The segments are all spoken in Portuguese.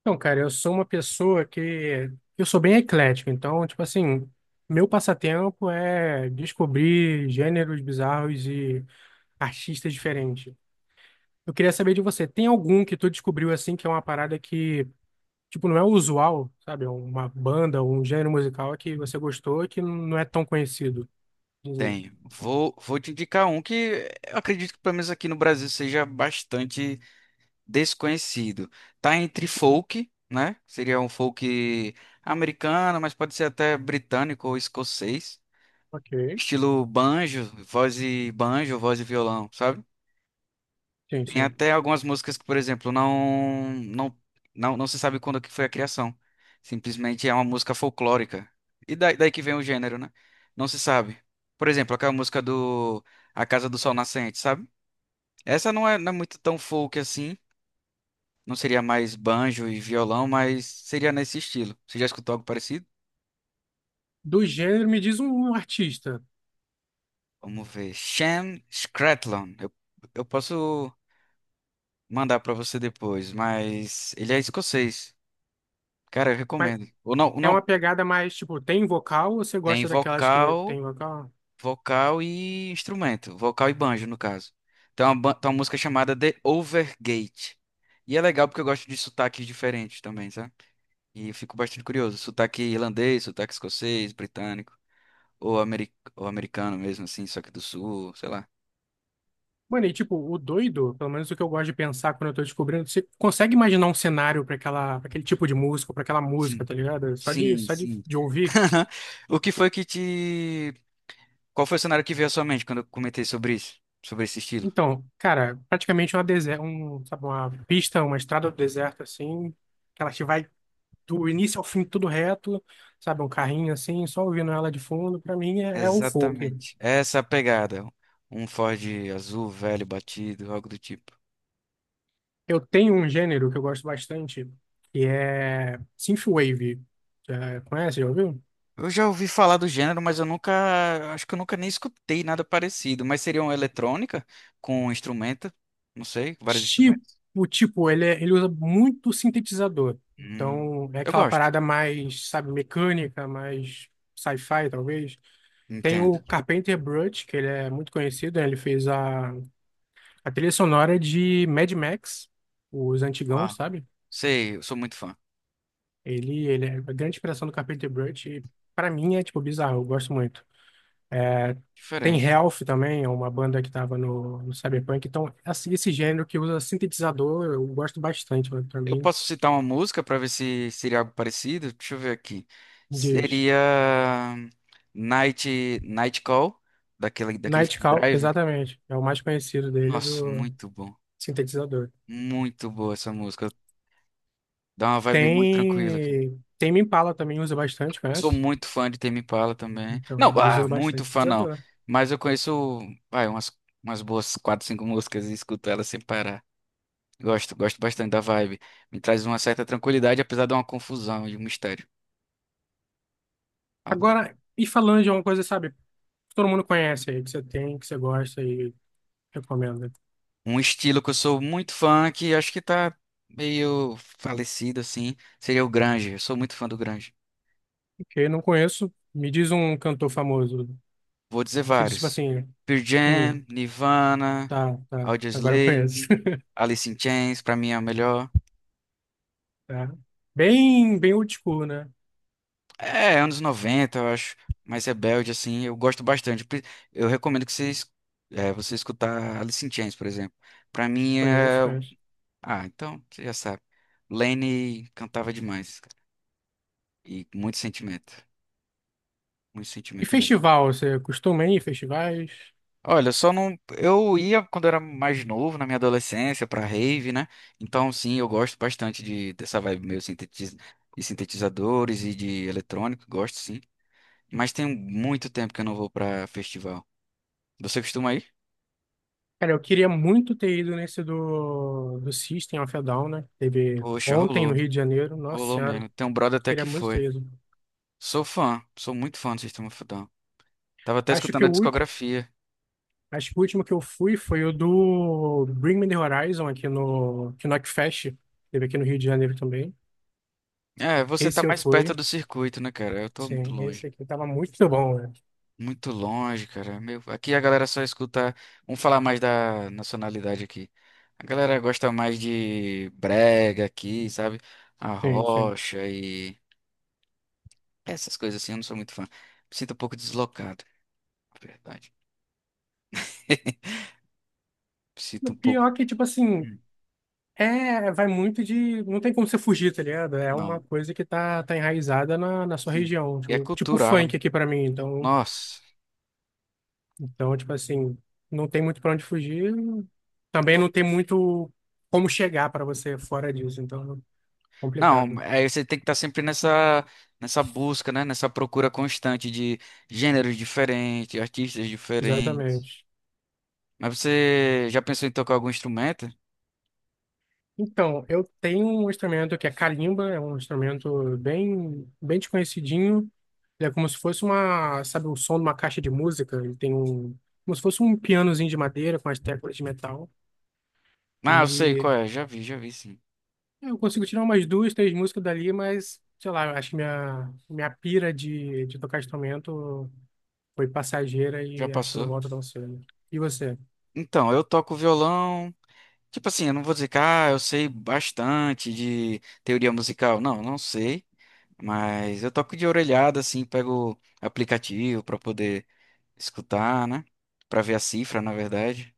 Então, cara, eu sou uma pessoa que eu sou bem eclético, então, tipo assim, meu passatempo é descobrir gêneros bizarros e artistas diferentes. Eu queria saber de você, tem algum que tu descobriu assim que é uma parada que, tipo, não é o usual, sabe? Uma banda ou um gênero musical que você gostou e que não é tão conhecido. Diz aí. Tenho. Vou te indicar um que eu acredito que pelo menos aqui no Brasil seja bastante desconhecido. Tá entre folk, né? Seria um folk americano, mas pode ser até britânico ou escocês. Ok. Estilo banjo, voz e violão, sabe? Sim, Tem sim. até algumas músicas que, por exemplo, não se sabe quando que foi a criação. Simplesmente é uma música folclórica. E daí que vem o gênero, né? Não se sabe. Por exemplo, aquela música do A Casa do Sol Nascente, sabe? Essa não é muito tão folk assim. Não seria mais banjo e violão, mas seria nesse estilo. Você já escutou algo parecido? Do gênero, me diz um artista. Vamos ver. Shan Scratlon. Eu posso mandar pra você depois, mas ele é escocês. Cara, eu Mas recomendo. Ou não, ou é não, uma pegada mais, tipo, tem vocal ou você Tem gosta daquelas que vocal, tem vocal? vocal e instrumento, vocal e banjo, no caso. Tem uma música chamada The Overgate. E é legal porque eu gosto de sotaques diferentes também, sabe? E eu fico bastante curioso. Sotaque irlandês, sotaque escocês, britânico, ou americano mesmo, assim, só que do sul, sei lá. Mano, e tipo, o doido, pelo menos o que eu gosto de pensar quando eu tô descobrindo, você consegue imaginar um cenário pra aquele tipo de música, pra aquela música, Sim, tá ligado? Só de, sim, só de, sim. de ouvir. O que foi que te. Qual foi o cenário que veio à sua mente quando eu comentei sobre isso? Sobre esse estilo? Então, cara, praticamente uma deserta, sabe, uma pista, uma estrada do deserto assim, que ela te vai do início ao fim tudo reto, sabe, um carrinho assim, só ouvindo ela de fundo, pra mim é o folk. Exatamente. Essa é a pegada. Um Ford azul, velho, batido, algo do tipo. Eu tenho um gênero que eu gosto bastante, que é synthwave. Já conhece, já ouviu? Eu já ouvi falar do gênero, mas eu nunca. Acho que eu nunca nem escutei nada parecido. Mas seria uma eletrônica com um instrumento, não sei, vários instrumentos. Tipo, ele usa muito sintetizador. Hum, Então, é eu aquela gosto. parada mais, sabe, mecânica, mais sci-fi, talvez. Tem Entendo. o Carpenter Brut, que ele é muito conhecido, né? Ele fez a trilha sonora de Mad Max, os antigão, Uau. sabe? Sei, eu sou muito fã. Ele é a grande inspiração do Carpenter Brut e, pra mim, é, tipo, bizarro. Eu gosto muito. É. Tem Diferente. Health também, é uma banda que estava no Cyberpunk. Então, assim, esse gênero que usa sintetizador, eu gosto bastante, né, pra Eu mim, posso citar uma música para ver se seria algo parecido? Deixa eu ver aqui. diz. Seria Night Call, daquele filme Nightcall, Drive. exatamente, é o mais conhecido dele, Nossa, do muito bom. sintetizador. Muito boa essa música. Dá uma vibe muito tranquila, cara. Tem, Tame Impala também usa bastante, Sou conhece? muito fã de Tame Impala também. Então, Não, ele ah, usa muito bastante fã não. sintetizador. Mas eu conheço, vai, umas boas quatro, cinco músicas e escuto elas sem parar. Gosto, gosto bastante da vibe. Me traz uma certa tranquilidade, apesar de uma confusão e um mistério. Agora, e falando de uma coisa, sabe, que todo mundo conhece aí, que você tem, que você gosta e recomenda. Um estilo que eu sou muito fã, que acho que tá meio falecido, assim, seria o Grunge. Eu sou muito fã do Grunge. Porque não conheço, me diz um cantor famoso. Vou dizer Você diz, tipo vários. assim... Pearl Hum. Jam, Nirvana... Tá, tá. Agora eu conheço. Audioslave, Alice in Chains, pra mim é a melhor. Tá. Bem, bem old school, né? É, anos 90, eu acho, mais rebelde, assim, eu gosto bastante. Eu recomendo que você escutar Alice in Chains, por exemplo. Pra mim é... Conheço, conheço. Ah, então, você já sabe. Lane cantava demais, cara. E muito E sentimento mesmo. festival, você costuma ir em festivais? Olha, só não... Eu ia quando era mais novo, na minha adolescência, pra rave, né? Então, sim, eu gosto bastante de, dessa vibe meio sintetiz... de sintetizadores e de eletrônico, gosto, sim. Mas tem muito tempo que eu não vou pra festival. Você costuma ir? Cara, eu queria muito ter ido nesse do System of a Down, né? Teve Poxa, ontem no rolou. Rio de Janeiro. Nossa Rolou Senhora, mesmo. Tem um brother até queria que muito ter foi. ido. Sou fã. Sou muito fã do Sistema fudão. Tava até Acho que escutando a o último, discografia. acho que o último que eu fui foi o do Bring Me the Horizon aqui no Okfest. Teve aqui no Rio de Janeiro também. É, você tá Esse eu mais perto fui. do circuito, né, cara? Eu tô muito Sim, esse longe. aqui tava muito bom, né? Muito longe, cara. Meu, aqui a galera só escuta. Vamos falar mais da nacionalidade aqui. A galera gosta mais de brega aqui, sabe? A Sim, sim. rocha e essas coisas assim. Eu não sou muito fã. Me sinto um pouco deslocado, na verdade. O Sinto um pouco. pior é que, tipo assim, Hum. é, vai muito de. Não tem como você fugir, tá ligado? É uma Não. coisa que tá enraizada na sua Sim. região. E é Tipo funk cultural. aqui pra mim. Então, Nossa. então, tipo assim, não tem muito pra onde fugir. Também Não, não tem muito como chegar pra você fora disso. Então, não, complicado. aí você tem que estar sempre nessa busca, né? Nessa procura constante de gêneros diferentes, artistas diferentes. Exatamente. Mas você já pensou em tocar algum instrumento? Então, eu tenho um instrumento que é calimba, é um instrumento bem, bem desconhecidinho. Ele é como se fosse uma, sabe, o som de uma caixa de música. Ele tem um. Como se fosse um pianozinho de madeira com as teclas de metal. Ah, eu sei qual E é. Já vi, sim. eu consigo tirar umas duas, três músicas dali, mas, sei lá, eu acho que minha pira de tocar instrumento foi passageira Já e acho que não passou. volta tão cedo. E você? Então, eu toco violão. Tipo assim, eu não vou dizer que ah, eu sei bastante de teoria musical. Não, não sei. Mas eu toco de orelhada, assim, pego aplicativo para poder escutar, né? Pra ver a cifra, na verdade.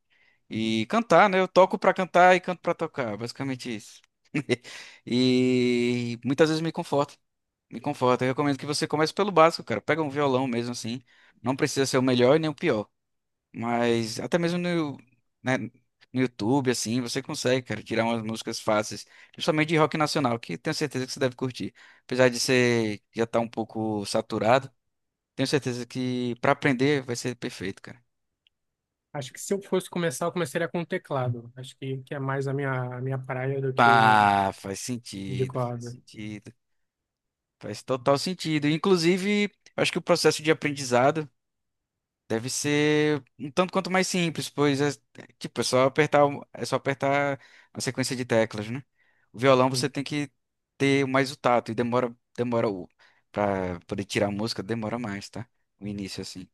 E cantar, né? Eu toco pra cantar e canto pra tocar, basicamente isso. E muitas vezes me conforta, me conforta. Eu recomendo que você comece pelo básico, cara. Pega um violão mesmo assim. Não precisa ser o melhor e nem o pior, mas até mesmo no, né, no YouTube assim, você consegue, cara, tirar umas músicas fáceis, principalmente de rock nacional, que tenho certeza que você deve curtir. Apesar de ser já estar um pouco saturado, tenho certeza que pra aprender vai ser perfeito, cara. Acho que se eu fosse começar, eu começaria com teclado. Acho que é mais a minha praia do que Ah, faz de sentido, faz corda. sentido, faz total sentido. Inclusive, eu acho que o processo de aprendizado deve ser um tanto quanto mais simples, pois é, tipo, é só apertar, é só apertar uma sequência de teclas, né? O violão você tem que ter mais o tato e demora, demora o para poder tirar a música, demora mais, tá? O início assim.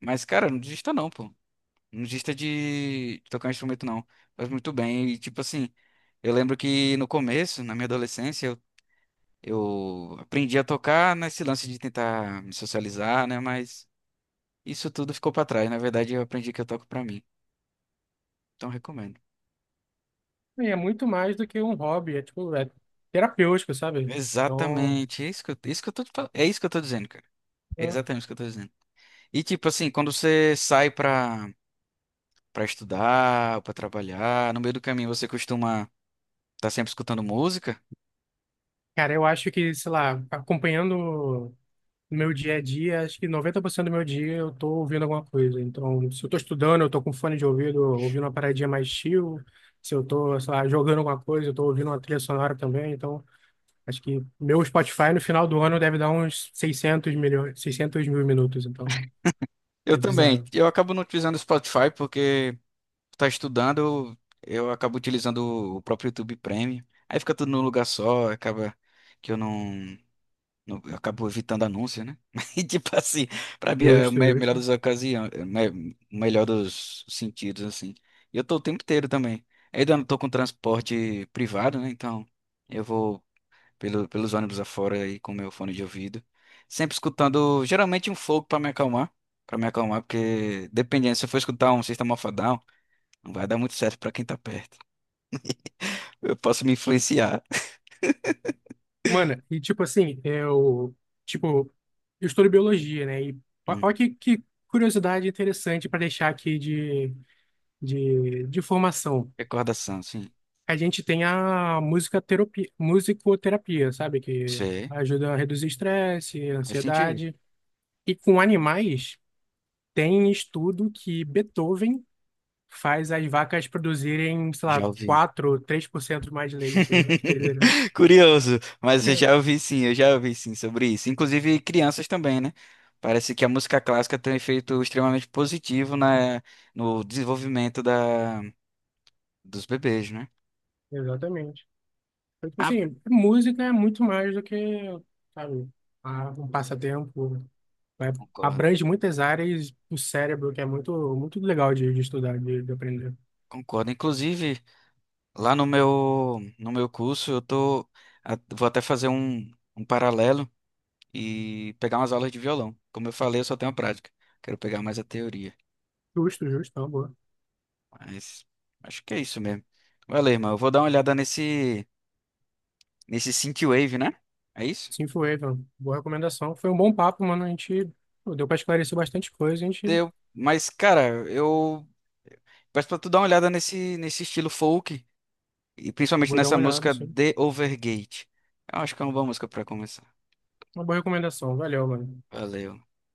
Mas cara, não desista não, pô. Não desista de tocar um instrumento não. Faz muito bem e tipo assim, eu lembro que no começo, na minha adolescência, eu aprendi a tocar nesse lance de tentar me socializar, né? Mas isso tudo ficou pra trás. Na verdade, eu aprendi que eu toco pra mim. Então, recomendo. E é muito mais do que um hobby, é tipo, é terapêutico, sabe? Então, Exatamente. É isso que eu tô, te fal- é isso que eu tô dizendo, cara. É eu- exatamente isso que eu tô dizendo. E, tipo assim, quando você sai pra, pra estudar, pra trabalhar, no meio do caminho você costuma estar sempre escutando música? cara, eu acho que, sei lá, acompanhando. No meu dia a dia, acho que 90% do meu dia eu tô ouvindo alguma coisa. Então, se eu tô estudando, eu tô com fone de ouvido, ouvindo uma paradinha mais chill. Se eu tô, sei lá, jogando alguma coisa, eu tô ouvindo uma trilha sonora também. Então, acho que meu Spotify no final do ano deve dar uns 600 milhões, 600 mil minutos. Então, Eu é bizarro. também. Eu acabo não utilizando o Spotify porque. Tá estudando, eu acabo utilizando o próprio YouTube Premium. Aí fica tudo num lugar só, acaba que eu não, eu acabo evitando anúncios, né? E tipo assim, pra mim é Justo, melhor justo. das ocasiões, é o melhor dos sentidos, assim. E eu tô o tempo inteiro também. Ainda não tô com transporte privado, né? Então eu vou pelos ônibus afora aí com meu fone de ouvido. Sempre escutando, geralmente um folk pra me acalmar. Pra me acalmar, porque dependendo, se eu for escutar um System of a Down, não vai dar muito certo pra quem tá perto. Eu posso me influenciar. Mano, e tipo assim, eu, tipo, eu estudo biologia, né? E Hum. olha que curiosidade interessante para deixar aqui de formação. Recordação, sim. A gente tem a música musicoterapia, sabe? Que Você ajuda a reduzir estresse, faz sentido. ansiedade. E com animais, tem estudo que Beethoven faz as vacas produzirem, sei lá, Já ouvi. quatro três por cento mais leite. Olha que doideira. Curioso, mas eu já ouvi sim, eu já ouvi sim sobre isso. Inclusive crianças também, né? Parece que a música clássica tem um efeito extremamente positivo no desenvolvimento dos bebês, né? Exatamente. Então, tipo Ah, assim, música é muito mais do que, sabe, um passatempo. Vai- concordo, Abrange muitas áreas do cérebro, que é muito, muito legal de estudar, de aprender. concordo. Inclusive, lá no meu curso, eu tô, vou até fazer um paralelo. E pegar umas aulas de violão. Como eu falei, eu só tenho a prática. Quero pegar mais a teoria. Justo, justo, tá bom. Mas acho que é isso mesmo. Valeu, irmão. Eu vou dar uma olhada nesse Synthwave, né? É isso? Sim, foi, Evan. Boa recomendação. Foi um bom papo, mano. A gente pô, deu pra esclarecer bastante coisa. A gente Deu. Mas, cara, eu peço pra tu dar uma olhada nesse estilo folk. E principalmente vou dar nessa uma olhada, música assim. The Overgate. Eu acho que é uma boa música pra começar. Uma boa recomendação. Valeu, mano. Valeu.